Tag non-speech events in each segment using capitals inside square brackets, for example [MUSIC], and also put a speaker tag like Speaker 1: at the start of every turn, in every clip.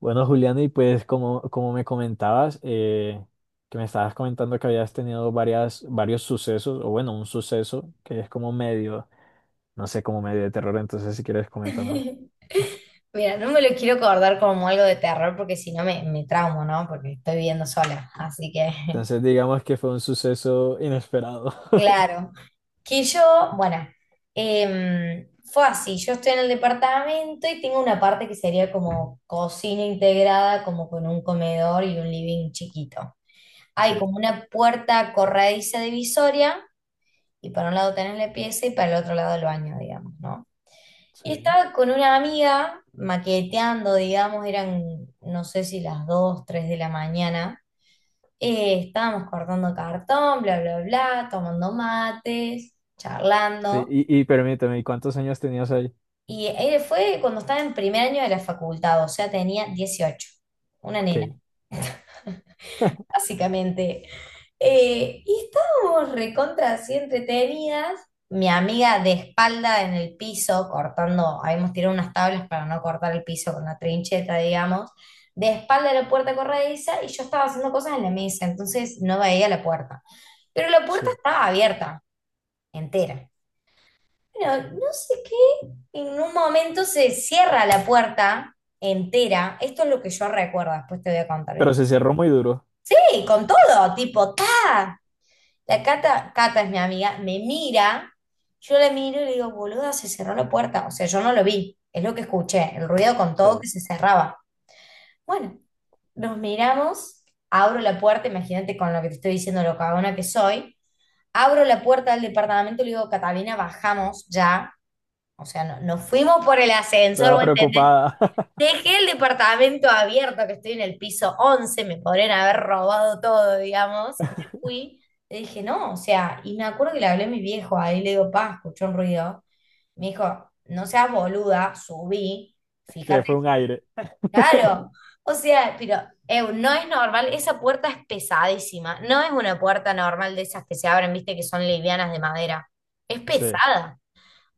Speaker 1: Bueno, Julián, y pues como me comentabas, que me estabas comentando que habías tenido varios sucesos, o bueno, un suceso que es como medio, no sé, como medio de terror, entonces si quieres
Speaker 2: [LAUGHS]
Speaker 1: coméntamelo.
Speaker 2: Mira, no me lo quiero acordar como algo de terror porque si no me traumo, ¿no? Porque estoy viviendo sola, así que,
Speaker 1: Entonces digamos que fue un suceso inesperado.
Speaker 2: [LAUGHS]
Speaker 1: [LAUGHS]
Speaker 2: claro. Que yo, bueno, fue así, yo estoy en el departamento y tengo una parte que sería como cocina integrada, como con un comedor y un living chiquito. Hay
Speaker 1: Sí,
Speaker 2: como una puerta corrediza divisoria y para un lado tenés la pieza y para el otro lado el baño, digamos, ¿no? Y
Speaker 1: sí.
Speaker 2: estaba con una amiga maqueteando, digamos, eran, no sé si las 2 3 de la mañana. Estábamos cortando cartón, bla, bla, bla, tomando mates,
Speaker 1: Sí,
Speaker 2: charlando.
Speaker 1: y, y permíteme, ¿y cuántos años tenías ahí?
Speaker 2: Y él fue cuando estaba en primer año de la facultad, o sea, tenía 18, una nena,
Speaker 1: Ok,
Speaker 2: [LAUGHS]
Speaker 1: [LAUGHS]
Speaker 2: básicamente. Y estábamos recontra así entretenidas. Mi amiga de espalda en el piso, cortando, habíamos tirado unas tablas para no cortar el piso con la trincheta, digamos, de espalda a la puerta corrediza y yo estaba haciendo cosas en la mesa, entonces no veía la puerta. Pero la puerta
Speaker 1: sí.
Speaker 2: estaba abierta, entera. Bueno, no sé qué, en un momento se cierra la puerta entera. Esto es lo que yo recuerdo, después te voy a contar
Speaker 1: Pero
Speaker 2: bien.
Speaker 1: se cerró muy duro.
Speaker 2: Sí, con todo, tipo, ta. La Cata, Cata es mi amiga, me mira, yo la miro y le digo, boluda, se cerró la puerta. O sea, yo no lo vi, es lo que escuché, el ruido con
Speaker 1: Sí.
Speaker 2: todo que se cerraba. Bueno, nos miramos, abro la puerta, imagínate con lo que te estoy diciendo, lo cagona que soy. Abro la puerta del departamento y le digo, Catalina, bajamos ya. O sea, no, nos fuimos por el ascensor,
Speaker 1: Toda
Speaker 2: ¿vos entendés?
Speaker 1: preocupada,
Speaker 2: Dejé el departamento abierto, que estoy en el piso 11 me podrían haber robado todo, digamos. Me fui, le dije, no, o sea, y me acuerdo que le hablé a mi viejo, ahí le digo, pa, escuchó un ruido. Me dijo, no seas boluda, subí,
Speaker 1: [LAUGHS] que
Speaker 2: fíjate,
Speaker 1: fue un aire.
Speaker 2: claro. O sea, pero eu, no es normal, esa puerta es pesadísima, no es una puerta normal de esas que se abren, viste, que son livianas de madera, es
Speaker 1: Sí.
Speaker 2: pesada.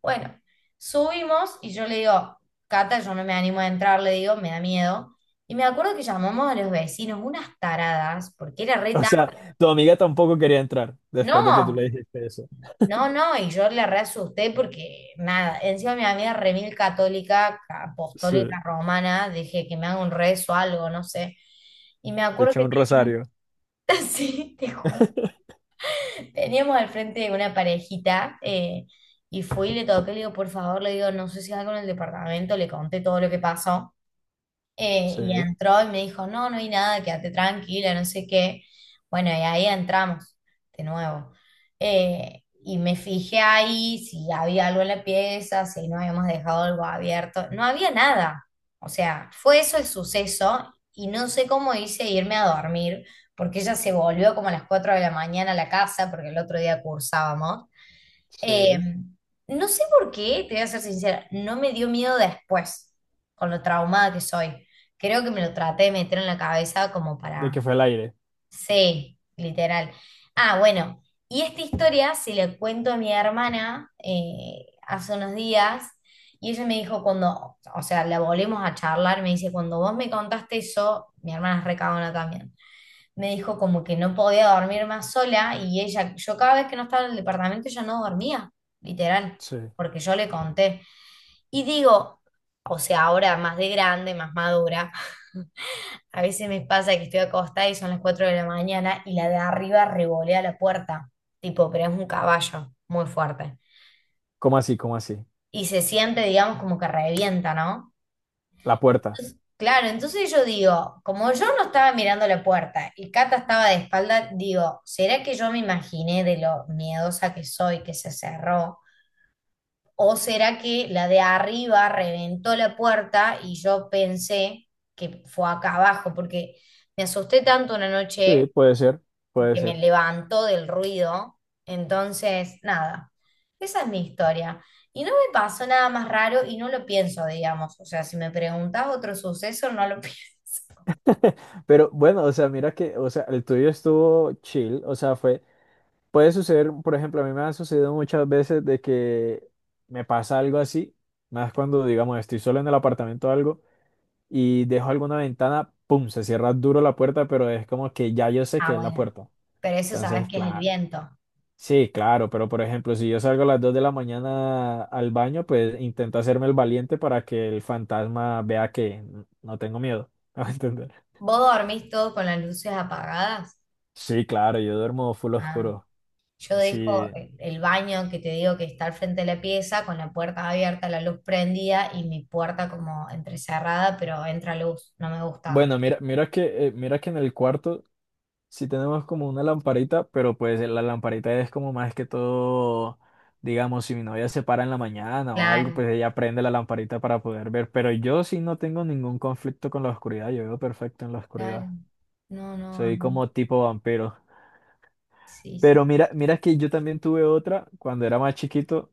Speaker 2: Bueno, subimos y yo le digo, Cata, yo no me animo a entrar, le digo, me da miedo. Y me acuerdo que llamamos a los vecinos, unas taradas, porque era re
Speaker 1: O
Speaker 2: tarde.
Speaker 1: sea, tu amiga tampoco quería entrar después de que tú
Speaker 2: No,
Speaker 1: le dijiste eso.
Speaker 2: no, no, y yo le re asusté porque nada, encima mi amiga re mil católica,
Speaker 1: Sí.
Speaker 2: apostólica romana, dije que me haga un rezo o algo, no sé. Y me
Speaker 1: Te
Speaker 2: acuerdo
Speaker 1: eché
Speaker 2: que
Speaker 1: un
Speaker 2: teníamos,
Speaker 1: rosario.
Speaker 2: [LAUGHS] sí, te juro,
Speaker 1: [LAUGHS]
Speaker 2: teníamos al frente una parejita, y fui y le toqué, le digo, por favor, le digo, no sé si algo en el departamento, le conté todo lo que pasó. Y
Speaker 1: Sí,
Speaker 2: entró y me dijo, no, no hay nada, quédate tranquila, no sé qué. Bueno, y ahí entramos de nuevo. Y me fijé ahí si había algo en la pieza, si no habíamos dejado algo abierto. No había nada. O sea, fue eso el suceso y no sé cómo hice irme a dormir, porque ella se volvió como a las 4 de la mañana a la casa, porque el otro día cursábamos. Eh,
Speaker 1: sí.
Speaker 2: no sé por qué, te voy a ser sincera, no me dio miedo después, con lo traumada que soy. Creo que me lo traté de meter en la cabeza como
Speaker 1: De
Speaker 2: para,
Speaker 1: que fue el aire.
Speaker 2: sí, literal. Ah, bueno, y esta historia se la cuento a mi hermana hace unos días y ella me dijo cuando, o sea, la volvemos a charlar, me dice, cuando vos me contaste eso, mi hermana es recabona también, me dijo como que no podía dormir más sola y ella, yo cada vez que no estaba en el departamento ella no dormía, literal,
Speaker 1: Sí.
Speaker 2: porque yo le conté. Y digo, o sea, ahora más de grande, más madura, [LAUGHS] a veces me pasa que estoy acostada y son las 4 de la mañana y la de arriba revolea la puerta, tipo, pero es un caballo muy fuerte.
Speaker 1: ¿Cómo así? ¿Cómo así?
Speaker 2: Y se siente, digamos, como que revienta, ¿no?
Speaker 1: La puerta.
Speaker 2: Claro, entonces yo digo, como yo no estaba mirando la puerta y Cata estaba de espalda, digo, ¿será que yo me imaginé de lo miedosa que soy que se cerró? ¿O será que la de arriba reventó la puerta y yo pensé que fue acá abajo? Porque me asusté tanto una
Speaker 1: Sí,
Speaker 2: noche
Speaker 1: puede ser. Puede
Speaker 2: que me
Speaker 1: ser.
Speaker 2: levantó del ruido. Entonces, nada, esa es mi historia. Y no me pasó nada más raro y no lo pienso, digamos. O sea, si me preguntás otro suceso, no lo [LAUGHS] pienso.
Speaker 1: Pero bueno, o sea, mira que, o sea, el tuyo estuvo chill, o sea, fue, puede suceder. Por ejemplo, a mí me ha sucedido muchas veces de que me pasa algo así, más cuando, digamos, estoy solo en el apartamento o algo y dejo alguna ventana, pum, se cierra duro la puerta, pero es como que ya yo sé que
Speaker 2: Ah,
Speaker 1: es la
Speaker 2: bueno,
Speaker 1: puerta.
Speaker 2: pero eso sabes
Speaker 1: Entonces,
Speaker 2: que es el
Speaker 1: claro.
Speaker 2: viento.
Speaker 1: Sí, claro, pero por ejemplo, si yo salgo a las 2 de la mañana al baño, pues intento hacerme el valiente para que el fantasma vea que no tengo miedo. [LAUGHS] ¿Me va a entender?
Speaker 2: ¿Vos dormís todo con las luces apagadas?
Speaker 1: Sí, claro, yo duermo full
Speaker 2: Ah,
Speaker 1: oscuro.
Speaker 2: yo dejo
Speaker 1: Sí.
Speaker 2: el baño que te digo que está al frente de la pieza con la puerta abierta, la luz prendida y mi puerta como entrecerrada, pero entra luz, no me gusta.
Speaker 1: Bueno, mira que, mira que en el cuarto sí tenemos como una lamparita, pero pues la lamparita es como más que todo, digamos, si mi novia se para en la mañana o algo,
Speaker 2: Claro,
Speaker 1: pues ella prende la lamparita para poder ver. Pero yo sí no tengo ningún conflicto con la oscuridad, yo veo perfecto en la oscuridad.
Speaker 2: claro. No, no, a
Speaker 1: Soy
Speaker 2: mí-
Speaker 1: como tipo vampiro.
Speaker 2: Sí, sí.
Speaker 1: Pero mira que yo también tuve otra cuando era más chiquito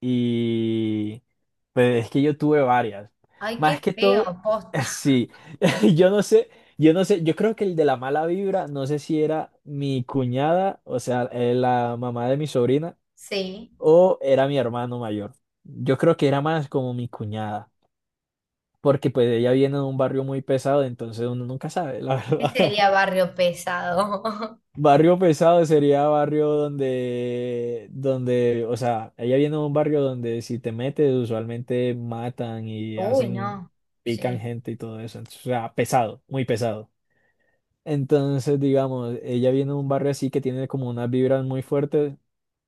Speaker 1: y pues es que yo tuve varias.
Speaker 2: Ay,
Speaker 1: Más
Speaker 2: qué
Speaker 1: que
Speaker 2: feo,
Speaker 1: todo,
Speaker 2: posta.
Speaker 1: [LAUGHS]
Speaker 2: [LAUGHS]
Speaker 1: sí, [LAUGHS] yo no sé, yo no sé, yo creo que el de la mala vibra, no sé si era mi cuñada, o sea, la mamá de mi sobrina,
Speaker 2: Sí,
Speaker 1: o era mi hermano mayor. Yo creo que era más como mi cuñada, porque pues ella viene de un barrio muy pesado, entonces uno nunca sabe, la [LAUGHS]
Speaker 2: ¿qué
Speaker 1: verdad.
Speaker 2: sería barrio pesado?
Speaker 1: Barrio pesado sería barrio o sea, ella viene de un barrio donde si te metes usualmente matan
Speaker 2: [LAUGHS]
Speaker 1: y
Speaker 2: Uy,
Speaker 1: hacen,
Speaker 2: no,
Speaker 1: pican
Speaker 2: sí.
Speaker 1: gente y todo eso. Entonces, o sea, pesado, muy pesado. Entonces, digamos, ella viene de un barrio así que tiene como unas vibras muy fuertes.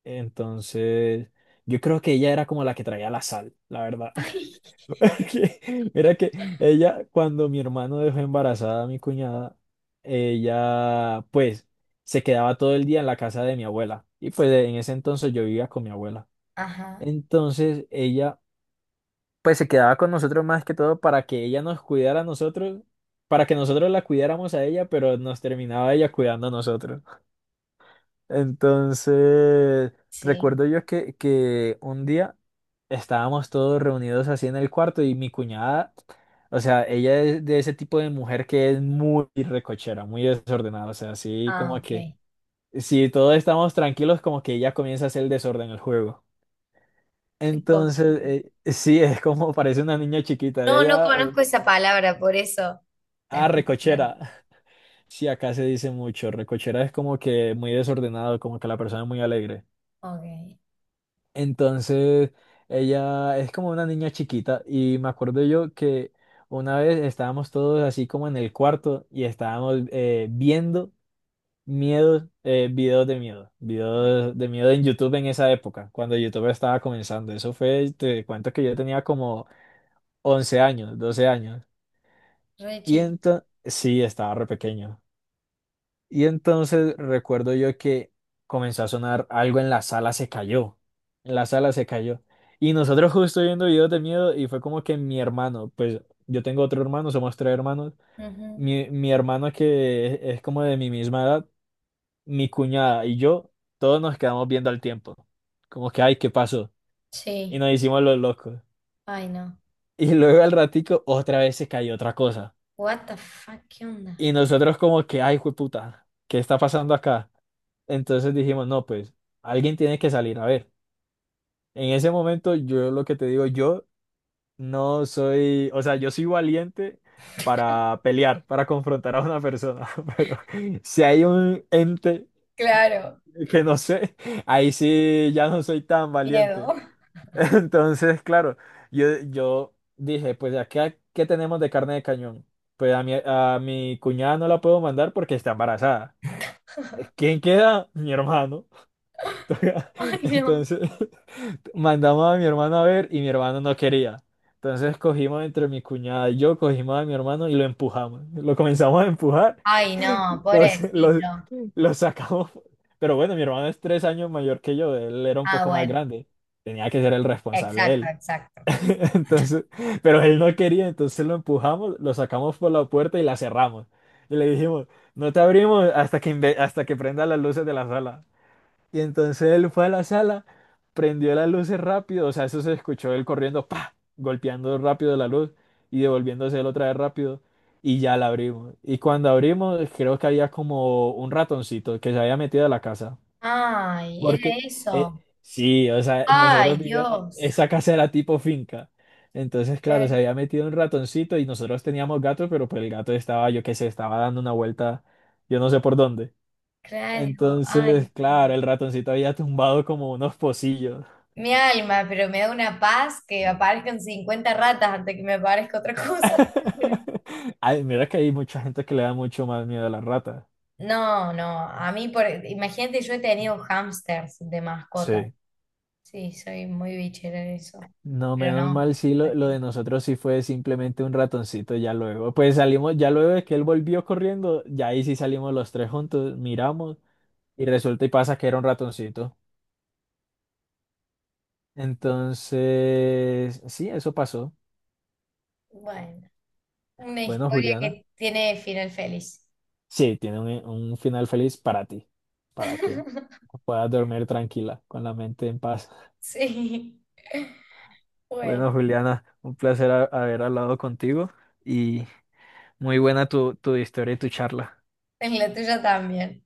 Speaker 1: Entonces, yo creo que ella era como la que traía la sal, la verdad.
Speaker 2: [LAUGHS] Ay.
Speaker 1: [LAUGHS] Era que ella, cuando mi hermano dejó embarazada a mi cuñada, ella pues se quedaba todo el día en la casa de mi abuela. Y pues en ese entonces yo vivía con mi abuela.
Speaker 2: Ajá,
Speaker 1: Entonces ella pues se quedaba con nosotros más que todo para que ella nos cuidara a nosotros, para que nosotros la cuidáramos a ella, pero nos terminaba ella cuidando a nosotros. Entonces,
Speaker 2: sí.
Speaker 1: recuerdo yo que un día estábamos todos reunidos así en el cuarto y mi cuñada, o sea, ella es de ese tipo de mujer que es muy recochera, muy desordenada, o sea, así
Speaker 2: Ah,
Speaker 1: como
Speaker 2: ok.
Speaker 1: que si todos estamos tranquilos, como que ella comienza a hacer el desorden el juego. Entonces,
Speaker 2: Ricochete.
Speaker 1: sí, es como parece una niña chiquita, ella
Speaker 2: No, no
Speaker 1: ya,
Speaker 2: conozco esa palabra, por eso la
Speaker 1: ah,
Speaker 2: explicaron.
Speaker 1: recochera. [LAUGHS] Sí, acá se dice mucho, recochera es como que muy desordenado, como que la persona es muy alegre.
Speaker 2: Ok,
Speaker 1: Entonces, ella es como una niña chiquita y me acuerdo yo que una vez estábamos todos así como en el cuarto y estábamos viendo miedos,
Speaker 2: ok.
Speaker 1: videos de miedo en YouTube en esa época, cuando YouTube estaba comenzando. Eso fue, te cuento que yo tenía como 11 años, 12 años.
Speaker 2: Re
Speaker 1: Y
Speaker 2: chiquito.
Speaker 1: entonces, sí, estaba re pequeño. Y entonces recuerdo yo que comenzó a sonar algo en la sala, se cayó. En la sala se cayó. Y nosotros justo viendo videos de miedo y fue como que mi hermano, pues yo tengo otro hermano, somos tres hermanos.
Speaker 2: Ujú.
Speaker 1: Mi hermano es como de mi misma edad, mi cuñada y yo, todos nos quedamos viendo al tiempo. Como que, ay, ¿qué pasó? Y
Speaker 2: Sí.
Speaker 1: nos hicimos los locos.
Speaker 2: Ay, no.
Speaker 1: Y luego al ratico otra vez se cayó otra cosa.
Speaker 2: What the fuck, ¿qué onda?
Speaker 1: Y nosotros como que, ay, jueputa, ¿qué está pasando acá? Entonces dijimos, no, pues alguien tiene que salir. A ver, en ese momento yo lo que te digo, yo no soy, o sea, yo soy valiente para pelear, para confrontar a una persona, [LAUGHS] pero si hay un ente
Speaker 2: Claro,
Speaker 1: que no sé, ahí sí ya no soy tan
Speaker 2: miedo.
Speaker 1: valiente.
Speaker 2: [LAUGHS]
Speaker 1: [LAUGHS] Entonces, claro, yo dije, pues ¿a ¿qué, qué tenemos de carne de cañón? Pues a a mi cuñada no la puedo mandar porque está embarazada. ¿Quién queda? Mi hermano. [LAUGHS]
Speaker 2: Ay, no.
Speaker 1: Entonces... mandamos a mi hermano a ver y mi hermano no quería. Entonces cogimos entre mi cuñada y yo, cogimos a mi hermano y lo empujamos. Lo comenzamos a empujar,
Speaker 2: Ay,
Speaker 1: [LAUGHS]
Speaker 2: no,
Speaker 1: lo, lo,
Speaker 2: pobrecito.
Speaker 1: lo sacamos. Pero bueno, mi hermano es 3 años mayor que yo, él era un
Speaker 2: Ah,
Speaker 1: poco más
Speaker 2: bueno.
Speaker 1: grande. Tenía que ser el responsable
Speaker 2: Exacto,
Speaker 1: él.
Speaker 2: exacto.
Speaker 1: [LAUGHS] Entonces, pero él no quería, entonces lo empujamos, lo sacamos por la puerta y la cerramos. Y le dijimos, no te abrimos hasta hasta que prenda las luces de la sala. Y entonces él fue a la sala, prendió las luces rápido, o sea, eso se escuchó él corriendo, pa, golpeando rápido la luz y devolviéndose él otra vez rápido y ya la abrimos. Y cuando abrimos, creo que había como un ratoncito que se había metido a la casa,
Speaker 2: Ay, era
Speaker 1: porque eh,
Speaker 2: eso.
Speaker 1: sí, o sea,
Speaker 2: Ay,
Speaker 1: nosotros vivíamos,
Speaker 2: Dios.
Speaker 1: esa casa era tipo finca. Entonces, claro, se
Speaker 2: Eh,
Speaker 1: había metido un ratoncito y nosotros teníamos gatos, pero pues el gato estaba, yo qué sé, estaba dando una vuelta, yo no sé por dónde.
Speaker 2: Claro, ay,
Speaker 1: Entonces,
Speaker 2: no.
Speaker 1: claro, el ratoncito había tumbado como unos pocillos.
Speaker 2: Mi alma, pero me da una paz que aparezcan 50 ratas antes que me aparezca otra cosa, te juro.
Speaker 1: [LAUGHS] Ay, mira que hay mucha gente que le da mucho más miedo a las ratas.
Speaker 2: No, no, a mí, por, imagínate, yo he tenido hámsters de mascota.
Speaker 1: Sí.
Speaker 2: Sí, soy muy bichera en eso.
Speaker 1: No,
Speaker 2: Pero
Speaker 1: menos
Speaker 2: no,
Speaker 1: mal, sí, lo
Speaker 2: prefiero-
Speaker 1: de nosotros sí fue simplemente un ratoncito ya luego. Pues salimos, ya luego de que él volvió corriendo, ya ahí sí salimos los tres juntos, miramos y resulta y pasa que era un ratoncito. Entonces, sí, eso pasó.
Speaker 2: bueno, una
Speaker 1: Bueno,
Speaker 2: historia
Speaker 1: Juliana.
Speaker 2: que tiene final feliz.
Speaker 1: Sí, tiene un final feliz para ti, para que
Speaker 2: [LAUGHS]
Speaker 1: puedas dormir tranquila, con la mente en paz. [LAUGHS]
Speaker 2: Sí,
Speaker 1: Bueno,
Speaker 2: bueno,
Speaker 1: Juliana, un placer haber hablado contigo y muy buena tu historia y tu charla.
Speaker 2: en la tuya también.